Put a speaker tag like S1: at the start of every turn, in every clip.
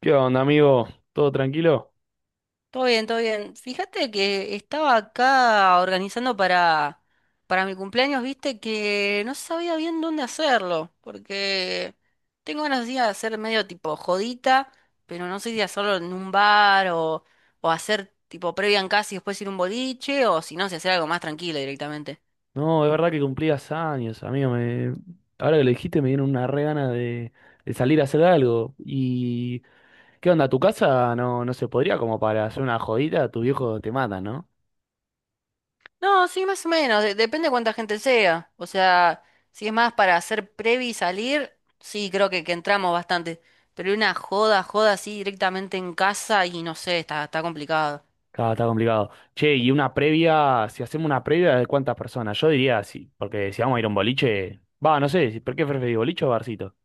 S1: ¿Qué onda, amigo? ¿Todo tranquilo?
S2: Todo bien, todo bien. Fíjate que estaba acá organizando para mi cumpleaños, viste que no sabía bien dónde hacerlo, porque tengo ganas de ir a hacer medio tipo jodita, pero no sé si hacerlo en un bar o hacer tipo previa en casa y después ir a un boliche, o si no, si hacer algo más tranquilo directamente.
S1: No, es verdad que cumplías años, amigo. Me... Ahora que lo dijiste, me dieron una re gana de, salir a hacer algo. ¿Y qué onda? Tu casa no se podría como para hacer una jodita? Tu viejo te mata, ¿no?
S2: No, sí, más o menos. Depende de cuánta gente sea. O sea, si es más para hacer previ y salir, sí, creo que entramos bastante. Pero una joda, joda así directamente en casa y no sé, está complicado.
S1: Claro, está complicado. Che, y una previa, si hacemos una previa, ¿de cuántas personas? Yo diría sí, porque si vamos a ir a un boliche, va, no sé, ¿por qué preferís boliche o barcito?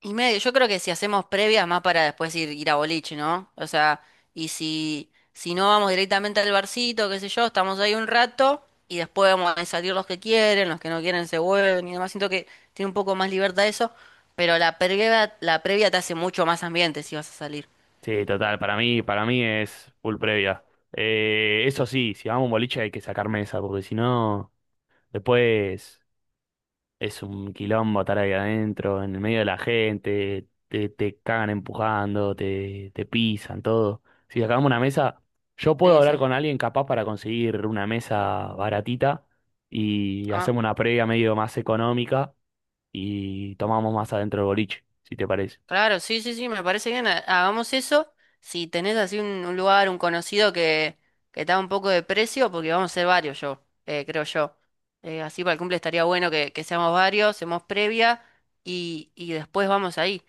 S2: Y medio, yo creo que si hacemos previas más para después ir a boliche, ¿no? O sea, y si no vamos directamente al barcito, qué sé yo, estamos ahí un rato y después vamos a salir los que quieren, los que no quieren se vuelven y demás. Siento que tiene un poco más libertad eso, pero la previa te hace mucho más ambiente si vas a salir.
S1: Sí, total, para mí es full previa. Eso sí, si vamos a un boliche hay que sacar mesa, porque si no... Después es un quilombo estar ahí adentro, en el medio de la gente, te cagan empujando, te pisan, todo. Si sacamos una mesa, yo puedo
S2: Sí,
S1: hablar
S2: sí.
S1: con alguien capaz para conseguir una mesa baratita y hacemos una previa medio más económica y tomamos más adentro del boliche, si te parece.
S2: Claro, sí, sí, sí, me parece bien. Hagamos eso. Si tenés así un lugar, un conocido que está un poco de precio, porque vamos a ser varios yo, creo yo. Así para el cumple estaría bueno que seamos varios, seamos previa y después vamos ahí.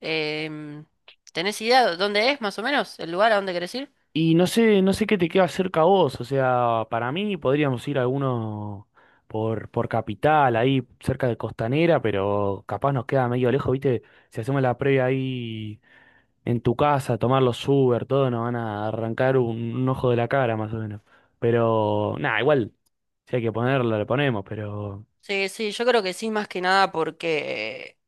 S2: Em, ¿Tenés idea de dónde es más o menos el lugar a dónde querés ir?
S1: Y no sé, no sé qué te queda cerca a vos, o sea, para mí podríamos ir a alguno por Capital, ahí cerca de Costanera, pero capaz nos queda medio lejos, ¿viste? Si hacemos la previa ahí en tu casa, tomar los Uber, todo, nos van a arrancar un ojo de la cara más o menos. Pero, nada, igual, si hay que ponerlo, le ponemos, pero
S2: Sí, sí, yo creo que sí, más que nada porque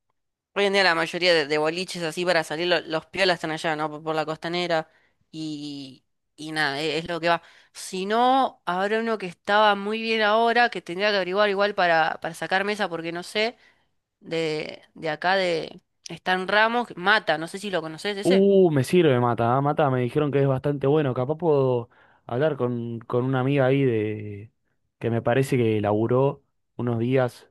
S2: hoy en día la mayoría de boliches así para salir, los piolas están allá, ¿no? Por la costanera y, y nada, es lo que va. Si no, habrá uno que estaba muy bien ahora, que tendría que averiguar igual para sacar mesa, porque no sé, de acá de están Ramos, Mata, no sé si lo conoces ese.
S1: uh, me sirve Mata. Ah, Mata me dijeron que es bastante bueno. Capaz puedo hablar con una amiga ahí de que me parece que laburó unos días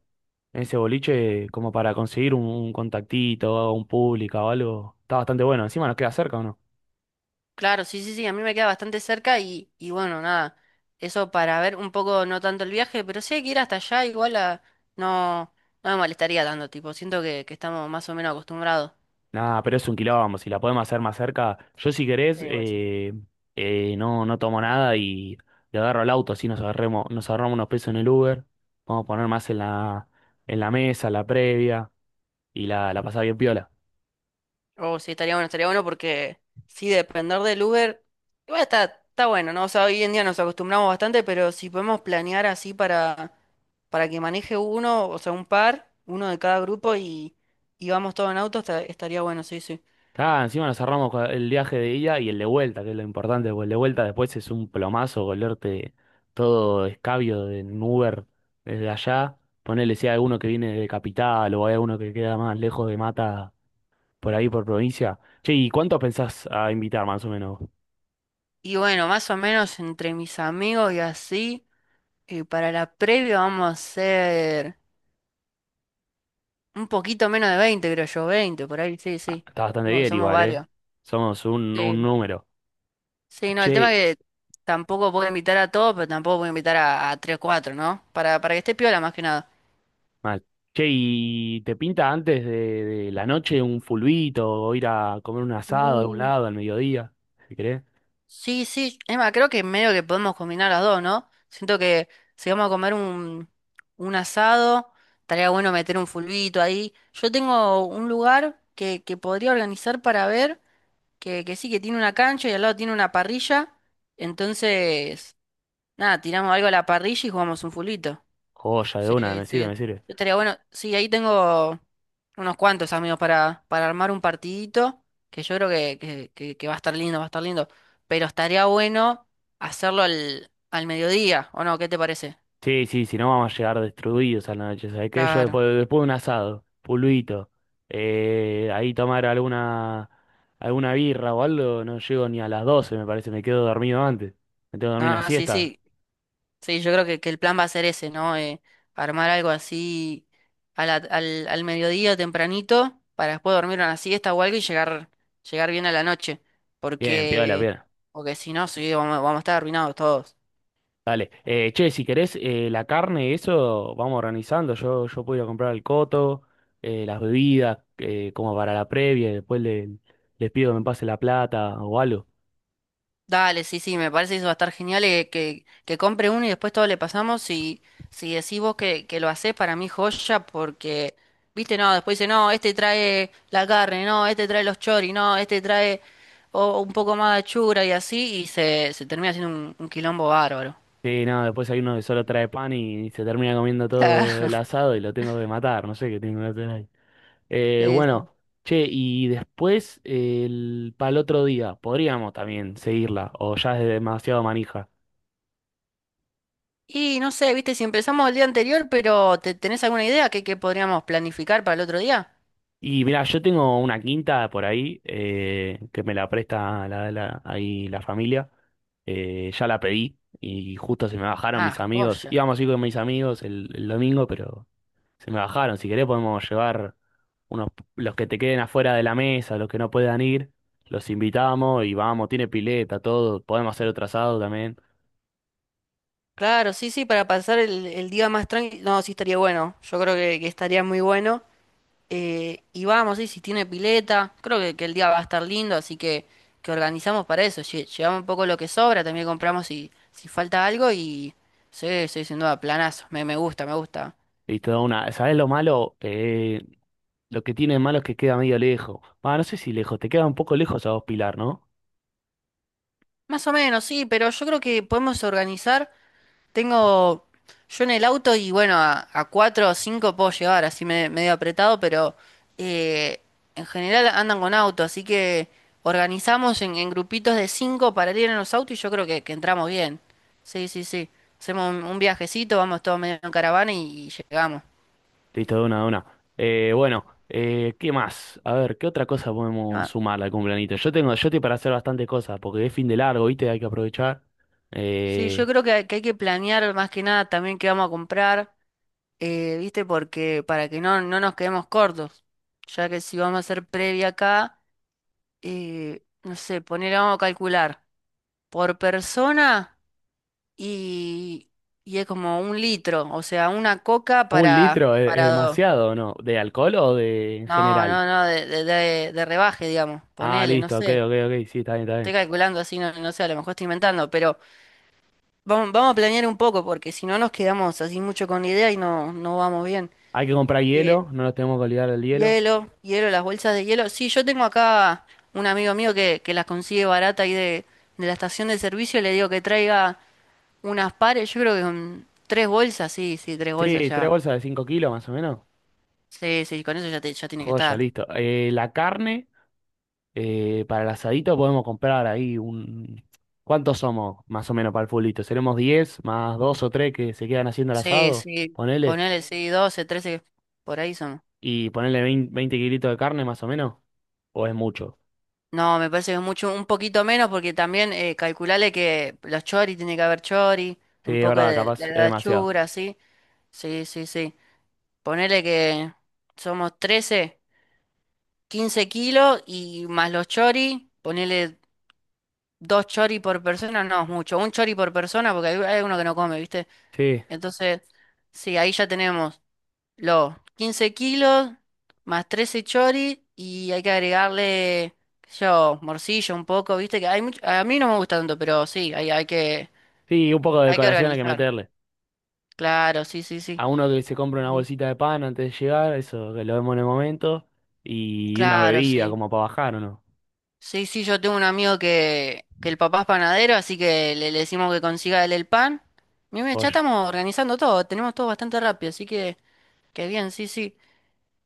S1: en ese boliche como para conseguir un contactito, un público o algo. Está bastante bueno. Encima nos queda cerca o no.
S2: Claro, sí, sí, sí, a mí me queda bastante cerca y bueno, nada, eso para ver un poco, no tanto el viaje, pero sí hay que ir hasta allá, igual a, no, no me molestaría tanto, tipo, siento que estamos más o menos acostumbrados.
S1: Nada, pero es un quilombo. Si la podemos hacer más cerca, yo si querés,
S2: Sí, igual sí.
S1: no, tomo nada y le agarro al auto, así nos agarremos, nos ahorramos unos pesos en el Uber. Vamos a poner más en la, mesa, la previa y la, pasada bien piola.
S2: Oh, sí, estaría bueno porque sí, depender del Uber, igual está bueno, ¿no? O sea, hoy en día nos acostumbramos bastante, pero si podemos planear así para que maneje uno, o sea, un par, uno de cada grupo y vamos todos en auto, estaría bueno, sí, sí.
S1: Ah, encima nos cerramos con el viaje de ida y el de vuelta, que es lo importante, porque el de vuelta después es un plomazo volverte todo escabio de en Uber desde allá. Ponele si hay alguno que viene de Capital o hay alguno que queda más lejos de Mata por ahí por provincia. Che, ¿y cuántos pensás a invitar más o menos?
S2: Y bueno, más o menos entre mis amigos y así, para la previa vamos a hacer un poquito menos de 20 creo yo, 20 por ahí, sí,
S1: Ah,
S2: sí.
S1: está bastante
S2: Somos
S1: bien
S2: somos
S1: igual, ¿eh?
S2: varios.
S1: Somos un
S2: Sí.
S1: número.
S2: Sí, no, el tema
S1: Che,
S2: que tampoco puedo invitar a todos, pero tampoco puedo invitar a, 3 o 4, ¿no? Para que esté piola más que nada.
S1: mal. Che, ¿y te pinta antes de, la noche un fulbito o ir a comer un asado a un
S2: Uh,
S1: lado al mediodía, si querés?
S2: Sí, sí, Emma, creo que medio que podemos combinar las dos, ¿no? Siento que si vamos a comer un asado, estaría bueno meter un fulbito ahí. Yo tengo un lugar que podría organizar para ver, que sí, que tiene una cancha y al lado tiene una parrilla. Entonces, nada, tiramos algo a la parrilla y jugamos un fulbito.
S1: Joya de
S2: Sí,
S1: una, me sirve,
S2: sí.
S1: me sirve.
S2: Estaría bueno. Sí, ahí tengo unos cuantos amigos para armar un partidito, que yo creo que va a estar lindo, va a estar lindo. Pero estaría bueno hacerlo al mediodía, ¿o no? ¿Qué te parece?
S1: Sí, sí, si no vamos a llegar destruidos a la noche, ¿sabes qué? Yo
S2: Claro.
S1: después, después de un asado, pulvito, ahí tomar alguna, birra o algo, no llego ni a las 12 me parece, me quedo dormido antes. Me tengo que dormir una
S2: No, sí,
S1: siesta.
S2: sí. Sí, yo creo que el plan va a ser ese, ¿no? Armar algo así al mediodía tempranito, para después dormir una siesta o algo y llegar, bien a la noche.
S1: Bien, piola,
S2: Porque,
S1: piola.
S2: porque si no, sí, vamos a estar arruinados todos.
S1: Dale. Che, si querés, la carne y eso, vamos organizando. Yo puedo ir a comprar el coto, las bebidas, como para la previa, y después les pido que me pase la plata o algo.
S2: Dale, sí, sí, me parece que eso va a estar genial que compre uno y después todo le pasamos y si decís vos que lo hacés para mí joya porque, viste, no, después dice, no, este trae la carne, no, este trae los choris, no, este trae o un poco más de achura y así y se termina haciendo un quilombo bárbaro.
S1: Sí, no, después hay uno que solo trae pan y se termina comiendo todo el
S2: Claro.
S1: asado y lo tengo que matar, no sé qué tengo que hacer ahí. Eh,
S2: Sí,
S1: bueno,
S2: sí.
S1: che, y después para el otro día, podríamos también seguirla, o ya es demasiado manija.
S2: Y no sé, viste, si empezamos el día anterior, pero ¿tenés alguna idea que podríamos planificar para el otro día?
S1: Y mira, yo tengo una quinta por ahí, que me la presta ahí la familia, ya la pedí y justo se me bajaron mis
S2: Ah,
S1: amigos,
S2: joya.
S1: íbamos a ir con mis amigos el domingo, pero se me bajaron, si querés podemos llevar... unos, los que te queden afuera de la mesa, los que no puedan ir, los invitamos y vamos, tiene pileta, todo, podemos hacer otro asado también.
S2: Claro, sí, sí, para pasar el día más tranquilo. No, sí estaría bueno. Yo creo que estaría muy bueno. Y vamos, sí, si tiene pileta, creo que el día va a estar lindo, así que organizamos para eso. Llevamos un poco lo que sobra, también compramos si falta algo y sí, sí, sin duda, planazo. Me gusta, me gusta.
S1: Y toda una, ¿sabes lo malo? Lo que tiene de malo es que queda medio lejos. Ah, no sé si lejos, te queda un poco lejos a vos, Pilar, ¿no?
S2: Más o menos, sí, pero yo creo que podemos organizar. Tengo yo en el auto y bueno, a, cuatro o cinco puedo llevar, así medio apretado, pero eh, en general andan con auto, así que organizamos en, grupitos de cinco para ir en los autos y yo creo que entramos bien. Sí, sí, sí. Hacemos un viajecito, vamos todos medio en caravana y llegamos.
S1: Listo, de una, de una. Bueno, ¿Qué más? A ver, ¿qué otra cosa podemos
S2: Ah,
S1: sumar al cumpleaños? Yo tengo, yo estoy para hacer bastantes cosas, porque es fin de largo, ¿viste? Hay que aprovechar.
S2: sí, yo
S1: Eh,
S2: creo que, hay que hay que planear más que nada también qué vamos a comprar, ¿viste? Porque para que no nos quedemos cortos, ya que si vamos a hacer previa acá no sé, poner, vamos a calcular, por persona y, y es como un litro, o sea, una coca
S1: ¿Un
S2: para,
S1: litro es
S2: para dos.
S1: demasiado, no? ¿De alcohol o de en
S2: No,
S1: general?
S2: no, no, de rebaje, digamos,
S1: Ah,
S2: ponele, no
S1: listo, ok,
S2: sé.
S1: ok, ok, sí, está bien, está
S2: Estoy
S1: bien.
S2: calculando así, no, no sé, a lo mejor estoy inventando, pero vamos a planear un poco, porque si no nos quedamos así mucho con la idea y no vamos bien.
S1: Hay que comprar
S2: Eh,
S1: hielo, no nos tenemos que olvidar del hielo.
S2: Hielo, hielo, las bolsas de hielo. Sí, yo tengo acá un amigo mío que las consigue barata ahí de la estación de servicio, le digo que traiga unas pares, yo creo que con tres bolsas, sí, sí, tres bolsas
S1: Sí, tres
S2: ya.
S1: bolsas de 5 kilos más o menos.
S2: Sí, sí, con eso ya, ya tiene que
S1: Joya,
S2: estar.
S1: listo. La carne, para el asadito podemos comprar ahí un... ¿Cuántos somos más o menos para el fulito? ¿Seremos 10 más dos o tres que se quedan haciendo el
S2: Sí,
S1: asado?
S2: sí,
S1: Ponele.
S2: ponele, sí, 12 13 por ahí son.
S1: Y ponele 20 20 kilitos de carne más o menos. ¿O es mucho?
S2: No, me parece que es mucho, un poquito menos, porque también calculale que los chori, tiene que haber chori,
S1: Sí,
S2: un
S1: es
S2: poco
S1: verdad,
S2: de,
S1: capaz es
S2: de
S1: demasiado.
S2: la sí. Sí, sí, sí. Ponele que somos 13 15 kilos y más los chori, ponele dos chori por persona, no es mucho, un chori por persona, porque hay uno que no come, ¿viste?
S1: Sí,
S2: Entonces, sí, ahí ya tenemos los 15 kilos más 13 chori y hay que agregarle, qué sé yo, morcilla un poco, viste que hay mucho, a mí no me gusta tanto, pero sí, hay, hay que,
S1: sí, un poco de
S2: hay que
S1: decoración hay que
S2: organizar.
S1: meterle.
S2: Claro, sí, sí, sí.
S1: A uno que se compra una
S2: Ujú.
S1: bolsita de pan antes de llegar, eso que lo vemos en el momento, y una
S2: Claro,
S1: bebida
S2: sí.
S1: como para bajar o no.
S2: Sí, sí, yo tengo un amigo que el papá es panadero, así que le decimos que consiga él el pan. Mira, ya
S1: Joya.
S2: estamos organizando todo, tenemos todo bastante rápido, así que bien, sí, sí.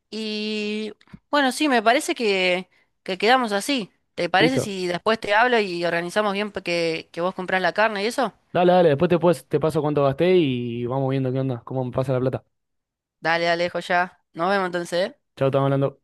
S2: Y bueno, sí, me parece que quedamos así. ¿Te parece
S1: ¿Listo?
S2: si después te hablo y organizamos bien que vos comprás la carne y eso?
S1: Dale, dale, después te paso cuánto gasté y vamos viendo qué onda, cómo me pasa la plata.
S2: Dale, dale, ya. Nos vemos entonces, ¿eh?
S1: Chao, estamos hablando.